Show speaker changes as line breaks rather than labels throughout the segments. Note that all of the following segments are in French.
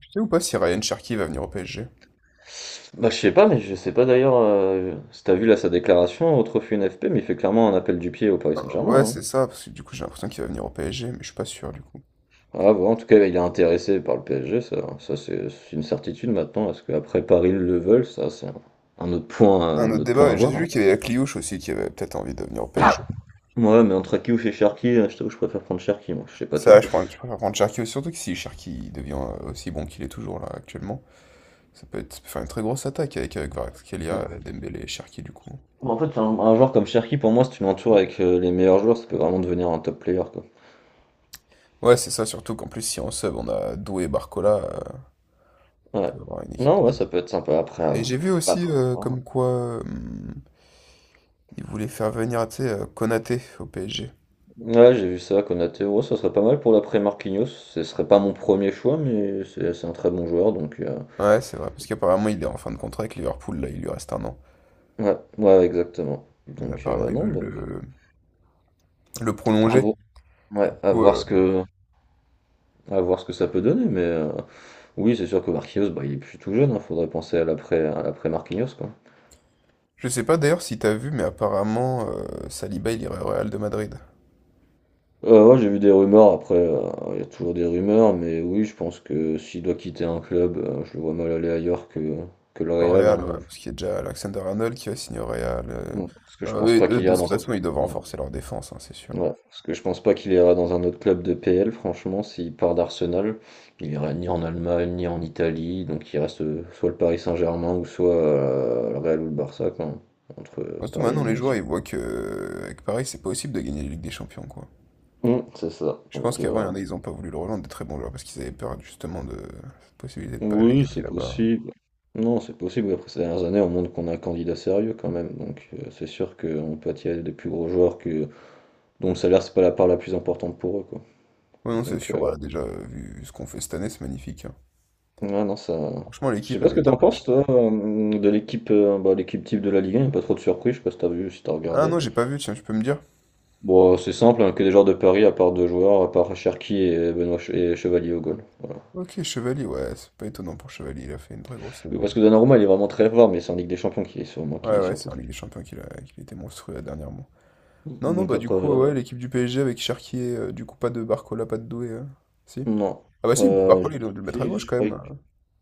Tu sais ou pas si Ryan Cherky va venir au PSG?
Je sais pas, mais je sais pas d'ailleurs si t'as vu là sa déclaration au trophée NFP, mais il fait clairement un appel du pied au Paris
Ah,
Saint-Germain.
ouais,
là, hein.
c'est ça, parce que du coup j'ai l'impression qu'il va venir au PSG, mais je suis pas sûr du coup.
En tout cas, il est intéressé par le PSG, ça, c'est une certitude maintenant. Est-ce qu'après Paris le veulent? Ça, c'est un autre point,
Un
un
autre
autre point à
débat, j'ai
voir, hein.
vu qu'il y avait la Cliouche aussi qui avait peut-être envie de venir au PSG.
Ouais, mais entre Aki ou chez Cherki, je t'avoue, je préfère prendre Cherki, moi, je sais pas
Ça,
toi.
je, prends, je préfère prendre Cherki, surtout que si Cherki devient aussi bon qu'il est toujours là actuellement, ça peut faire une très grosse attaque avec
Mm.
Kvaratskhelia, Dembélé et Cherki du coup.
Bon, en fait, un joueur comme Cherki, pour moi, si tu l'entoures avec les meilleurs joueurs, ça peut vraiment devenir un top player, quoi.
Ouais, c'est ça, surtout qu'en plus, si en sub on a Doué et Barcola, on
Ouais.
peut avoir une équipe
Non,
de…
Ouais, ça peut être sympa après, euh,
Et j'ai vu aussi
après.
comme quoi ils voulaient faire venir, tu sais, Konaté au PSG.
Ouais, j'ai vu ça, Konaté. Ouais, ça serait pas mal pour l'après-Marquinhos. Ce serait pas mon premier choix, mais c'est un très bon joueur, donc
Ouais, c'est vrai, parce qu'apparemment il est en fin de contrat avec Liverpool, là, il lui reste 1 an.
ouais, ouais, exactement.
Mais
Donc
apparemment ils
non,
veulent
donc
le, le
à
prolonger.
voir, ouais,
Du coup, euh,
à voir ce que ça peut donner, mais oui, c'est sûr que Marquinhos, bah, il est plus tout jeune. Il faudrait penser à à l'après-Marquinhos, quoi.
je sais pas d'ailleurs si t'as vu, mais apparemment Saliba il irait au Real de Madrid.
Ouais, j'ai vu des rumeurs. Après, il y a toujours des rumeurs, mais oui, je pense que s'il doit quitter un club, je le vois mal aller ailleurs que le
Au
Real,
Real,
hein.
ouais, parce qu'il y a déjà Alexander Arnold qui va signer au Real.
Parce que je
Alors,
pense
eux,
pas
eux,
qu'il
de
ira
toute
dans
façon, ils doivent
un.
renforcer leur défense, hein, c'est sûr.
Ouais, parce que je pense pas qu'il ira dans un autre club de PL, franchement, s'il part d'Arsenal, il ira ni en Allemagne, ni en Italie, donc il reste soit le Paris Saint-Germain ou soit le Real ou le Barça, quoi, hein, entre
Surtout
par
maintenant, les joueurs
élimination.
ils voient que avec Paris c'est pas possible de gagner la Ligue des Champions, quoi.
C'est ça.
Je pense
Donc
qu'avant, il y en a, ils ont pas voulu le rejoindre des très bons joueurs parce qu'ils avaient peur justement de cette possibilité de pas aller
oui,
gagner
c'est
là-bas.
possible. Non, c'est possible. Après ces dernières années, on montre qu'on a un candidat sérieux quand même. Donc c'est sûr qu'on peut attirer des plus gros joueurs que dont le salaire c'est pas la part la plus importante pour eux, quoi.
Ouais, non, c'est
Donc
sûr.
euh,
Bah, déjà, vu ce qu'on fait cette année, c'est magnifique, hein.
Ouais, non, ça.
Franchement,
Je sais
l'équipe,
pas
elle
ce
est
que t'en
top là.
penses, toi, de l'équipe bah, l'équipe type de la Ligue 1, y a pas trop de surprises, je sais pas si t'as vu, si t'as
Ah
regardé.
non, j'ai pas vu, tiens, tu peux me dire?
Bon, c'est simple, hein, que des joueurs de Paris, à part deux joueurs, à part Cherki et Chevalier au goal. Voilà.
Ok, Chevalier, ouais, c'est pas étonnant pour Chevalier, il a fait une très grosse
Oui, parce
saison.
que Donnarumma, il est vraiment très fort, mais c'est en Ligue des Champions qui est sûrement qui
Ouais,
est
ouais,
surtout
c'est en Ligue des
très.
Champions qu'il était monstrueux là, dernièrement. Non, non,
Donc
bah du
après,
coup, ouais, l'équipe du PSG avec Cherki, du coup, pas de Barcola, pas de Doué, si?
non.
Ah bah si,
Euh, je-
Barcola, il doit le mettre à
Si,
gauche
je
quand même,
croyais que.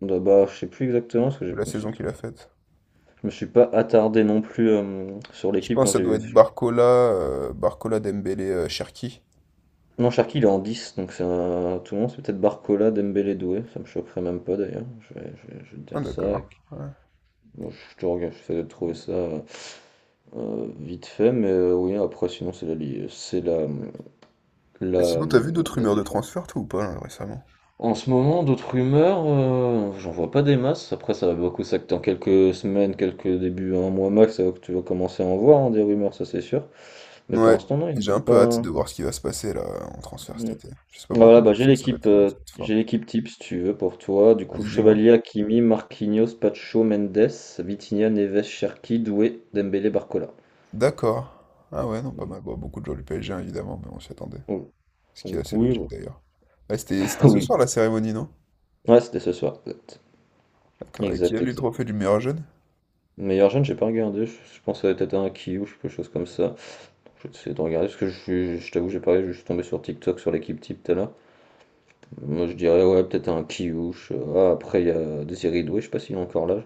Bah, bah, je sais plus exactement, parce que
de la saison qu'il a faite.
je me suis pas attardé non plus sur
Je
l'équipe
pense
quand
que ça
j'ai
doit
vu.
être Barcola, Barcola, Dembélé, Cherki.
Non, Sharky, il est en 10, donc c'est un... tout le monde, c'est peut-être Barcola, Dembélé, Doué, ça me choquerait même pas d'ailleurs, je vais te
Ah
dire ça,
d'accord, ouais.
bon, je te regarde, j'essaie de trouver ça vite fait, mais oui, après sinon c'est
Et
la,
sinon, t'as vu d'autres
la
rumeurs de
défense.
transfert, toi, ou pas, là, récemment?
En ce moment, d'autres rumeurs, j'en vois pas des masses, après ça va beaucoup s'acter en quelques semaines, quelques débuts, un mois max, ça va que tu vas commencer à en voir hein, des rumeurs, ça c'est sûr, mais pour
Ouais,
l'instant non, il n'y
j'ai un
en
peu hâte
a pas...
de voir ce qui va se passer là en transfert cet été. Je sais pas
Bah
pourquoi,
voilà,
mais j'ai
bah,
l'impression que ça va être
j'ai
fort.
l'équipe type si tu veux pour toi. Du coup,
Vas-y, dis-moi.
Chevalier, Hakimi, Marquinhos, Pacho, Mendes, Vitinha, Neves, Cherki, Doué, Dembélé, Barcola.
D'accord. Ah ouais, non, pas
Donc,
mal. Bon, beaucoup de joueurs du PSG, hein, évidemment, mais on s'y attendait.
oh,
Ce qui est
donc,
assez
oui,
logique
voilà.
d'ailleurs. Ouais, c'était, c'était ce
Oui.
soir la cérémonie, non?
Ouais, c'était ce soir. Exact,
D'accord. Et qui a
exact.
eu le
exact.
trophée du meilleur jeune?
Meilleur jeune, j'ai pas regardé. Je pense que ça va être un Kiyu ou quelque chose comme ça. Je vais essayer de regarder parce que je t'avoue, j'ai parlé, je suis tombé sur TikTok sur l'équipe type tout à l'heure. Moi, je dirais ouais, peut-être un Kiyu. Ah, après, il y a Désiré Doué, je sais pas s'il est encore là.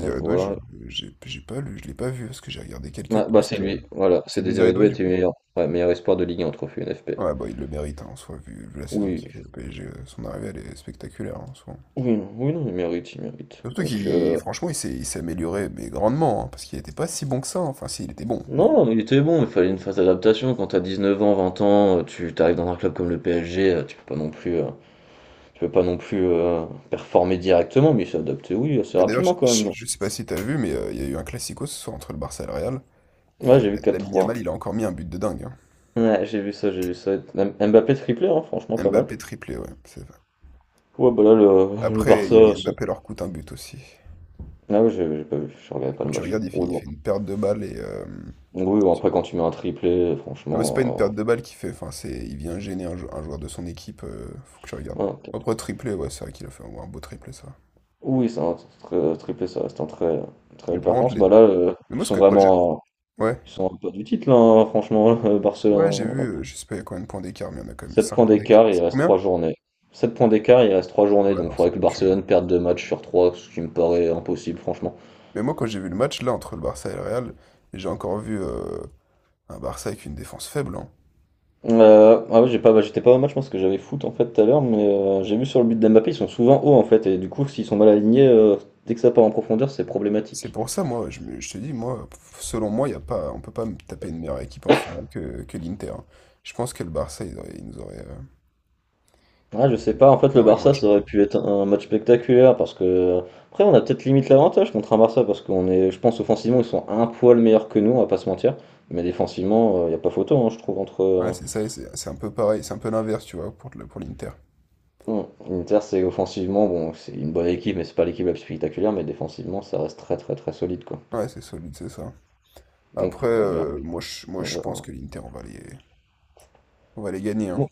À
Doué, je,
voir.
j'ai, j'ai pas lu, je l'ai pas vu parce que j'ai regardé quelques
Ah, bah c'est
posts.
lui, voilà, c'est
C'est Désiré
Désiré
Doué
Doué
du
était
coup?
meilleur, ouais, meilleur espoir de Ligue 1 trophée NFP.
Ouais, bah il le mérite hein, en soi, vu la saison
Oui,
qu'il fait. Le PSG, son arrivée elle est spectaculaire hein, en soi.
oui, non, oui, non, il mérite, il mérite.
Surtout
Donc,
qu'il, franchement, il s'est amélioré, mais grandement, hein, parce qu'il était pas si bon que ça, hein. Enfin, si, il était bon, mais…
non, mais il était bon, il fallait une phase d'adaptation. Quand t'as 19 ans, 20 ans, tu t'arrives dans un club comme le PSG, tu peux pas non plus performer directement, mais il s'est adapté, oui, assez
Ah, d'ailleurs,
rapidement quand même.
je sais pas si t'as vu, mais il y a eu un classico ce soir entre le Barça et le Real, et
Ouais, j'ai vu
la
quatre
Lamine Yamal,
trois.
il a encore mis un but de dingue, hein.
Ouais, j'ai vu ça, j'ai vu ça. Mbappé triplé, hein, franchement, pas mal.
Mbappé triplé, ouais, c'est vrai.
Ouais, bah là, le
Après,
Barça,
Mbappé leur coûte un but aussi.
ah ouais, j'ai pas vu, je regardais pas
Où
le
tu
match.
regardes,
Ouais,
il
bon.
fait une perte de balle, et…
Oui, oui, bon, après, quand tu mets un triplé,
non, mais c'est pas une
franchement.
perte de balle qu'il fait, enfin, c'est… Il vient gêner un joueur de son équipe, faut que tu regardes.
Ouais, ok.
Après, triplé, ouais, c'est vrai qu'il a fait un beau triplé, ça.
Oui, c'est un très triplé, ça reste un très, très
Mais
belle
par contre,
performance.
les…
Bah là,
Mais
ils
moi, ce
sont
que… quand j'ai-
vraiment.
ouais.
Ils sont un peu du titre, là, hein, franchement,
Ouais, j'ai
Barcelone.
vu, je sais pas, il y a combien de points d'écart, mais il y en a quand même
Sept
5
points
points d'écart.
d'écart, il
C'est
reste
combien?
3 journées. 7 points d'écart, il reste 3 journées,
Ouais,
donc il
non,
faudrait
c'est
que
foutu.
Barcelone perde 2 matchs sur trois, ce qui me paraît impossible, franchement.
Mais moi, quand j'ai vu le match, là, entre le Barça et le Real, j'ai encore vu un Barça avec une défense faible, hein.
Ah oui, j'ai pas, bah, j'étais pas au match, parce que j'avais foot en fait tout à l'heure, mais j'ai vu sur le but d'Mbappé, ils sont souvent hauts en fait, et du coup, s'ils sont mal alignés, dès que ça part en profondeur, c'est
C'est
problématique.
pour ça, je te dis, moi, selon moi, y a pas, on peut pas me taper une meilleure équipe en finale que l'Inter, hein. Je pense que le Barça, ils nous auraient,
Ah, je sais pas, en fait
ils
le
auraient moins
Barça
de
ça
chance de
aurait pu
gagner.
être un match spectaculaire parce que après on a peut-être limite l'avantage contre un Barça parce qu'on est, je pense offensivement ils sont un poil meilleurs que nous, on va pas se mentir, mais défensivement il n'y a pas photo hein, je trouve entre
Ouais,
euh,
c'est ça, et c'est un peu pareil, c'est un peu l'inverse, tu vois, pour l'Inter.
Bon, l'Inter c'est offensivement bon c'est une bonne équipe mais c'est pas l'équipe la plus spectaculaire mais défensivement ça reste très très très solide quoi.
Ouais, c'est solide, c'est ça.
Donc
Après,
on verra.
moi,
On
je pense
verra.
que l'Inter, on va les gagner, hein.
Bon,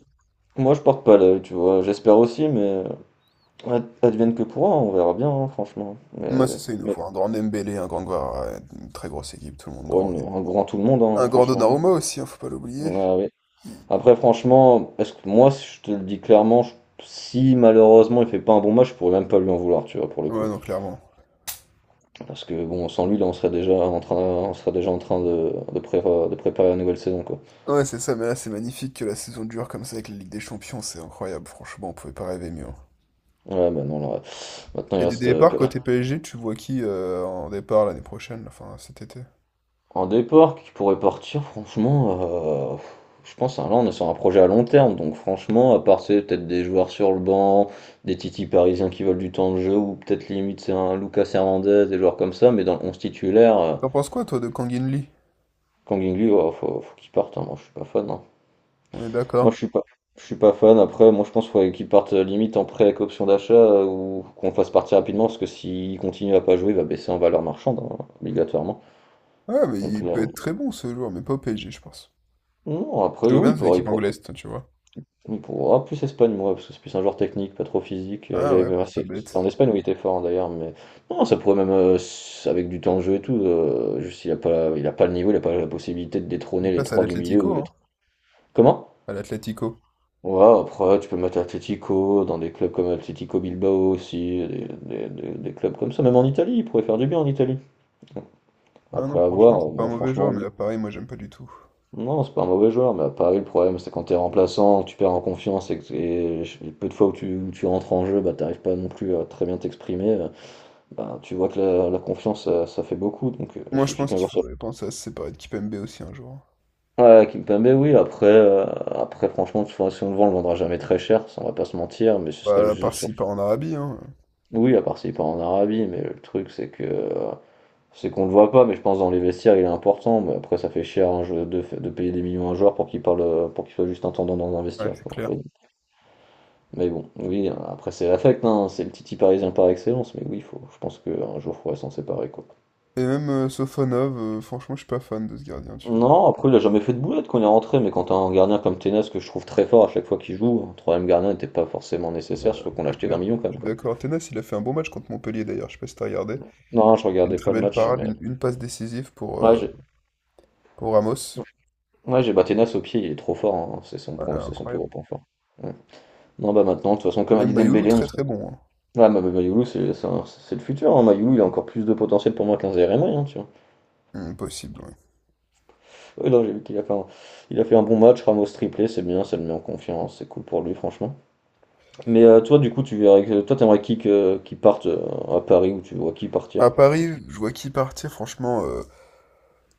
moi je porte pas l'œil, tu vois, j'espère aussi mais advienne que pourra, on verra bien hein, franchement.
Moi,
Mais,
c'est ça, il nous
mais
faut un grand Dembélé, un grand Guevara, une très grosse équipe, tout le monde
pour
grand.
un grand tout le monde hein,
Un grand
franchement.
Donnarumma aussi, hein, faut pas l'oublier.
Ah oui,
Il-
après, franchement, est-ce que moi, si je te le dis clairement, si malheureusement il fait pas un bon match, je pourrais même pas lui en vouloir, tu vois, pour le coup.
ouais, non, clairement.
Parce que bon, sans lui, là, on serait déjà en train de préparer la nouvelle saison, quoi.
Ouais, c'est ça, mais là, c'est magnifique que la saison dure comme ça avec la Ligue des Champions, c'est incroyable, franchement, on pouvait pas rêver mieux, hein.
Ouais, bah non, là, maintenant il
Et des
reste
départs côté PSG, tu vois qui en départ l'année prochaine, là, enfin cet été?
un départ qui pourrait partir, franchement. Je pense, hein, là, on est sur un projet à long terme, donc franchement, à part c'est peut-être des joueurs sur le banc, des titis parisiens qui veulent du temps de jeu, ou peut-être limite c'est un Lucas Hernandez, des joueurs comme ça, mais dans le 11 titulaire.
T'en penses quoi, toi, de Kang In-lee?
Kang Inglu, oh, faut qu'il parte, hein. Moi je suis pas fan, hein.
On est
Moi je
d'accord.
suis pas, Je suis pas fan. Après, moi je pense qu'il parte limite en prêt avec option d'achat ou qu'on le fasse partir rapidement parce que s'il continue à pas jouer, il va baisser en valeur marchande hein, obligatoirement.
Ouais, mais
Donc
il peut
là,
être très bon ce joueur, mais pas au PSG, je pense.
non.
Je
Après,
vois
oui,
bien, c'est une équipe anglaise, toi, tu vois.
il pourra. Plus Espagne, moi, parce que c'est plus un joueur technique, pas trop physique. Il
Ah ouais,
avait, ouais,
c'est pas
c'était en
bête.
Espagne où il était fort hein, d'ailleurs, mais non, ça pourrait même avec du temps de jeu et tout. Juste il a pas le niveau, il a pas la possibilité de
Une
détrôner les
place à
trois du milieu ou
l'Atlético,
les.
hein.
trois- Comment?
À l'Atlético.
Ouais, après, tu peux mettre Atlético dans des clubs comme Atlético Bilbao aussi, des clubs comme ça, même en Italie, il pourrait faire du bien en Italie.
Ah non,
Après
franchement,
avoir,
c'est pas un
moi
mauvais
franchement,
joueur,
oui.
mais pareil, moi j'aime pas du tout.
Non, c'est pas un mauvais joueur, mais à Paris, le problème, c'est quand t'es remplaçant, tu perds en confiance et les peu de fois où tu rentres en jeu, bah t'arrives pas non plus à très bien t'exprimer, bah tu vois que la confiance, ça fait beaucoup, donc il
Moi je
suffit
pense
qu'un
qu'il
joueur soit...
faudrait penser à se séparer de Kipembe aussi un jour.
Ouais, Kimpembe, oui, après, après franchement, tu vois si on le vend, on le vendra jamais très cher, ça on va pas se mentir, mais ce serait
Bah, à part
juste
s'il part en Arabie, hein.
oui, à part s'il part en Arabie, mais le truc c'est que c'est qu'on le voit pas, mais je pense dans les vestiaires il est important, mais après ça fait cher un jeu de payer des millions à un joueur pour qu'il parle pour qu'il soit juste intendant dans un
Ouais,
vestiaire,
c'est
quoi, un
clair.
peu. Mais bon, oui, après c'est l'affect, hein, c'est le Titi parisien par excellence, mais oui, je pense qu'un jour il faudrait s'en séparer quoi.
Et même Sofonov, franchement, je suis pas fan de ce gardien, tu vois.
Non, après il a jamais fait de boulette quand il est rentré, mais quand t'as un gardien comme Tenas que je trouve très fort à chaque fois qu'il joue, un troisième gardien n'était pas forcément
Ouais,
nécessaire, surtout qu'on l'a
c'est
acheté 20
clair.
millions quand
Je
même
suis
quoi.
d'accord. Tenas, il a fait un bon match contre Montpellier d'ailleurs, je sais pas si t'as regardé.
Non, je
Il a une
regardais
très
pas le
belle
match,
parade,
mais
une passe décisive
ouais, j'ai-
pour Ramos.
ouais, j'ai battu Nas au pied, il est trop fort, hein. C'est son
Ouais,
point, c'est son plus
incroyable.
gros point fort. Ouais. Non, bah maintenant, de toute façon,
Et
comme a
même
dit
Mayoulou,
Dembélé, on
très
se...
très bon, hein.
Ah, bah, Mayoulou, c'est le futur. Hein. Mayoulou, il a encore plus de potentiel pour moi qu'un Zeremay, hein, tu vois.
Impossible, ouais.
Ouais, non, j'ai vu qu'il a fait un... il a fait un bon match, Ramos triplé, c'est bien, ça le met en confiance, c'est cool pour lui, franchement. Mais toi, du coup, tu verrais que... toi, t'aimerais qui parte à Paris ou tu vois qui partir?
À Paris, je vois qui partir, franchement,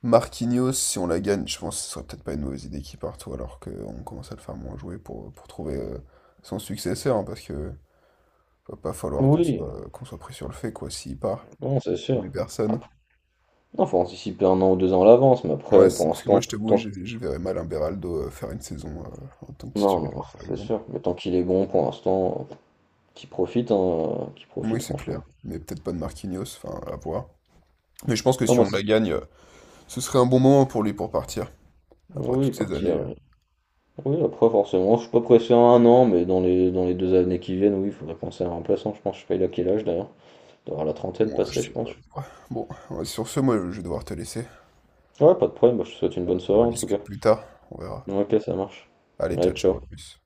Marquinhos, si on la gagne, je pense que ce serait peut-être pas une mauvaise idée qu'il parte, ou alors qu'on commence à le faire moins jouer pour trouver son successeur, hein, parce que va pas falloir
Oui,
qu'on soit pris sur le fait, quoi, s'il part,
non, c'est
qu'on
sûr.
est personne.
Après, non, faut anticiper un an ou deux ans à l'avance, mais
Ouais,
après, pour
c'est- parce que moi,
l'instant,
je t'avoue,
tant...
je, je verrais mal un Beraldo faire une saison en tant que
non,
titulaire,
non, ça,
par
c'est
exemple.
sûr. Mais tant qu'il est bon, pour l'instant. Qui profite, hein, qui
Oui,
profite
c'est
franchement.
clair, mais peut-être pas de Marquinhos, enfin, à voir. Mais je pense que
Non,
si
moi,
on la
c'est-
gagne, ce serait un bon moment pour lui pour partir, après
Oui,
toutes ces années.
partir.
euh,
Oui, oui, après, forcément, je suis pas pressé à un an, mais dans les deux années qui viennent, oui, il faudrait penser à un remplaçant. Je pense, je sais pas, il a quel âge d'ailleurs. Il doit avoir la trentaine
moi, je
passée, je
sais pas.
pense.
Ouais, bon, ouais, sur ce, moi, je vais devoir te laisser.
Ouais, pas de problème, bah, je te souhaite une bonne
On
soirée
en
en tout cas.
discute plus tard, on verra.
Ok, ça marche.
Allez,
Allez,
ciao, ciao,
ciao.
à plus.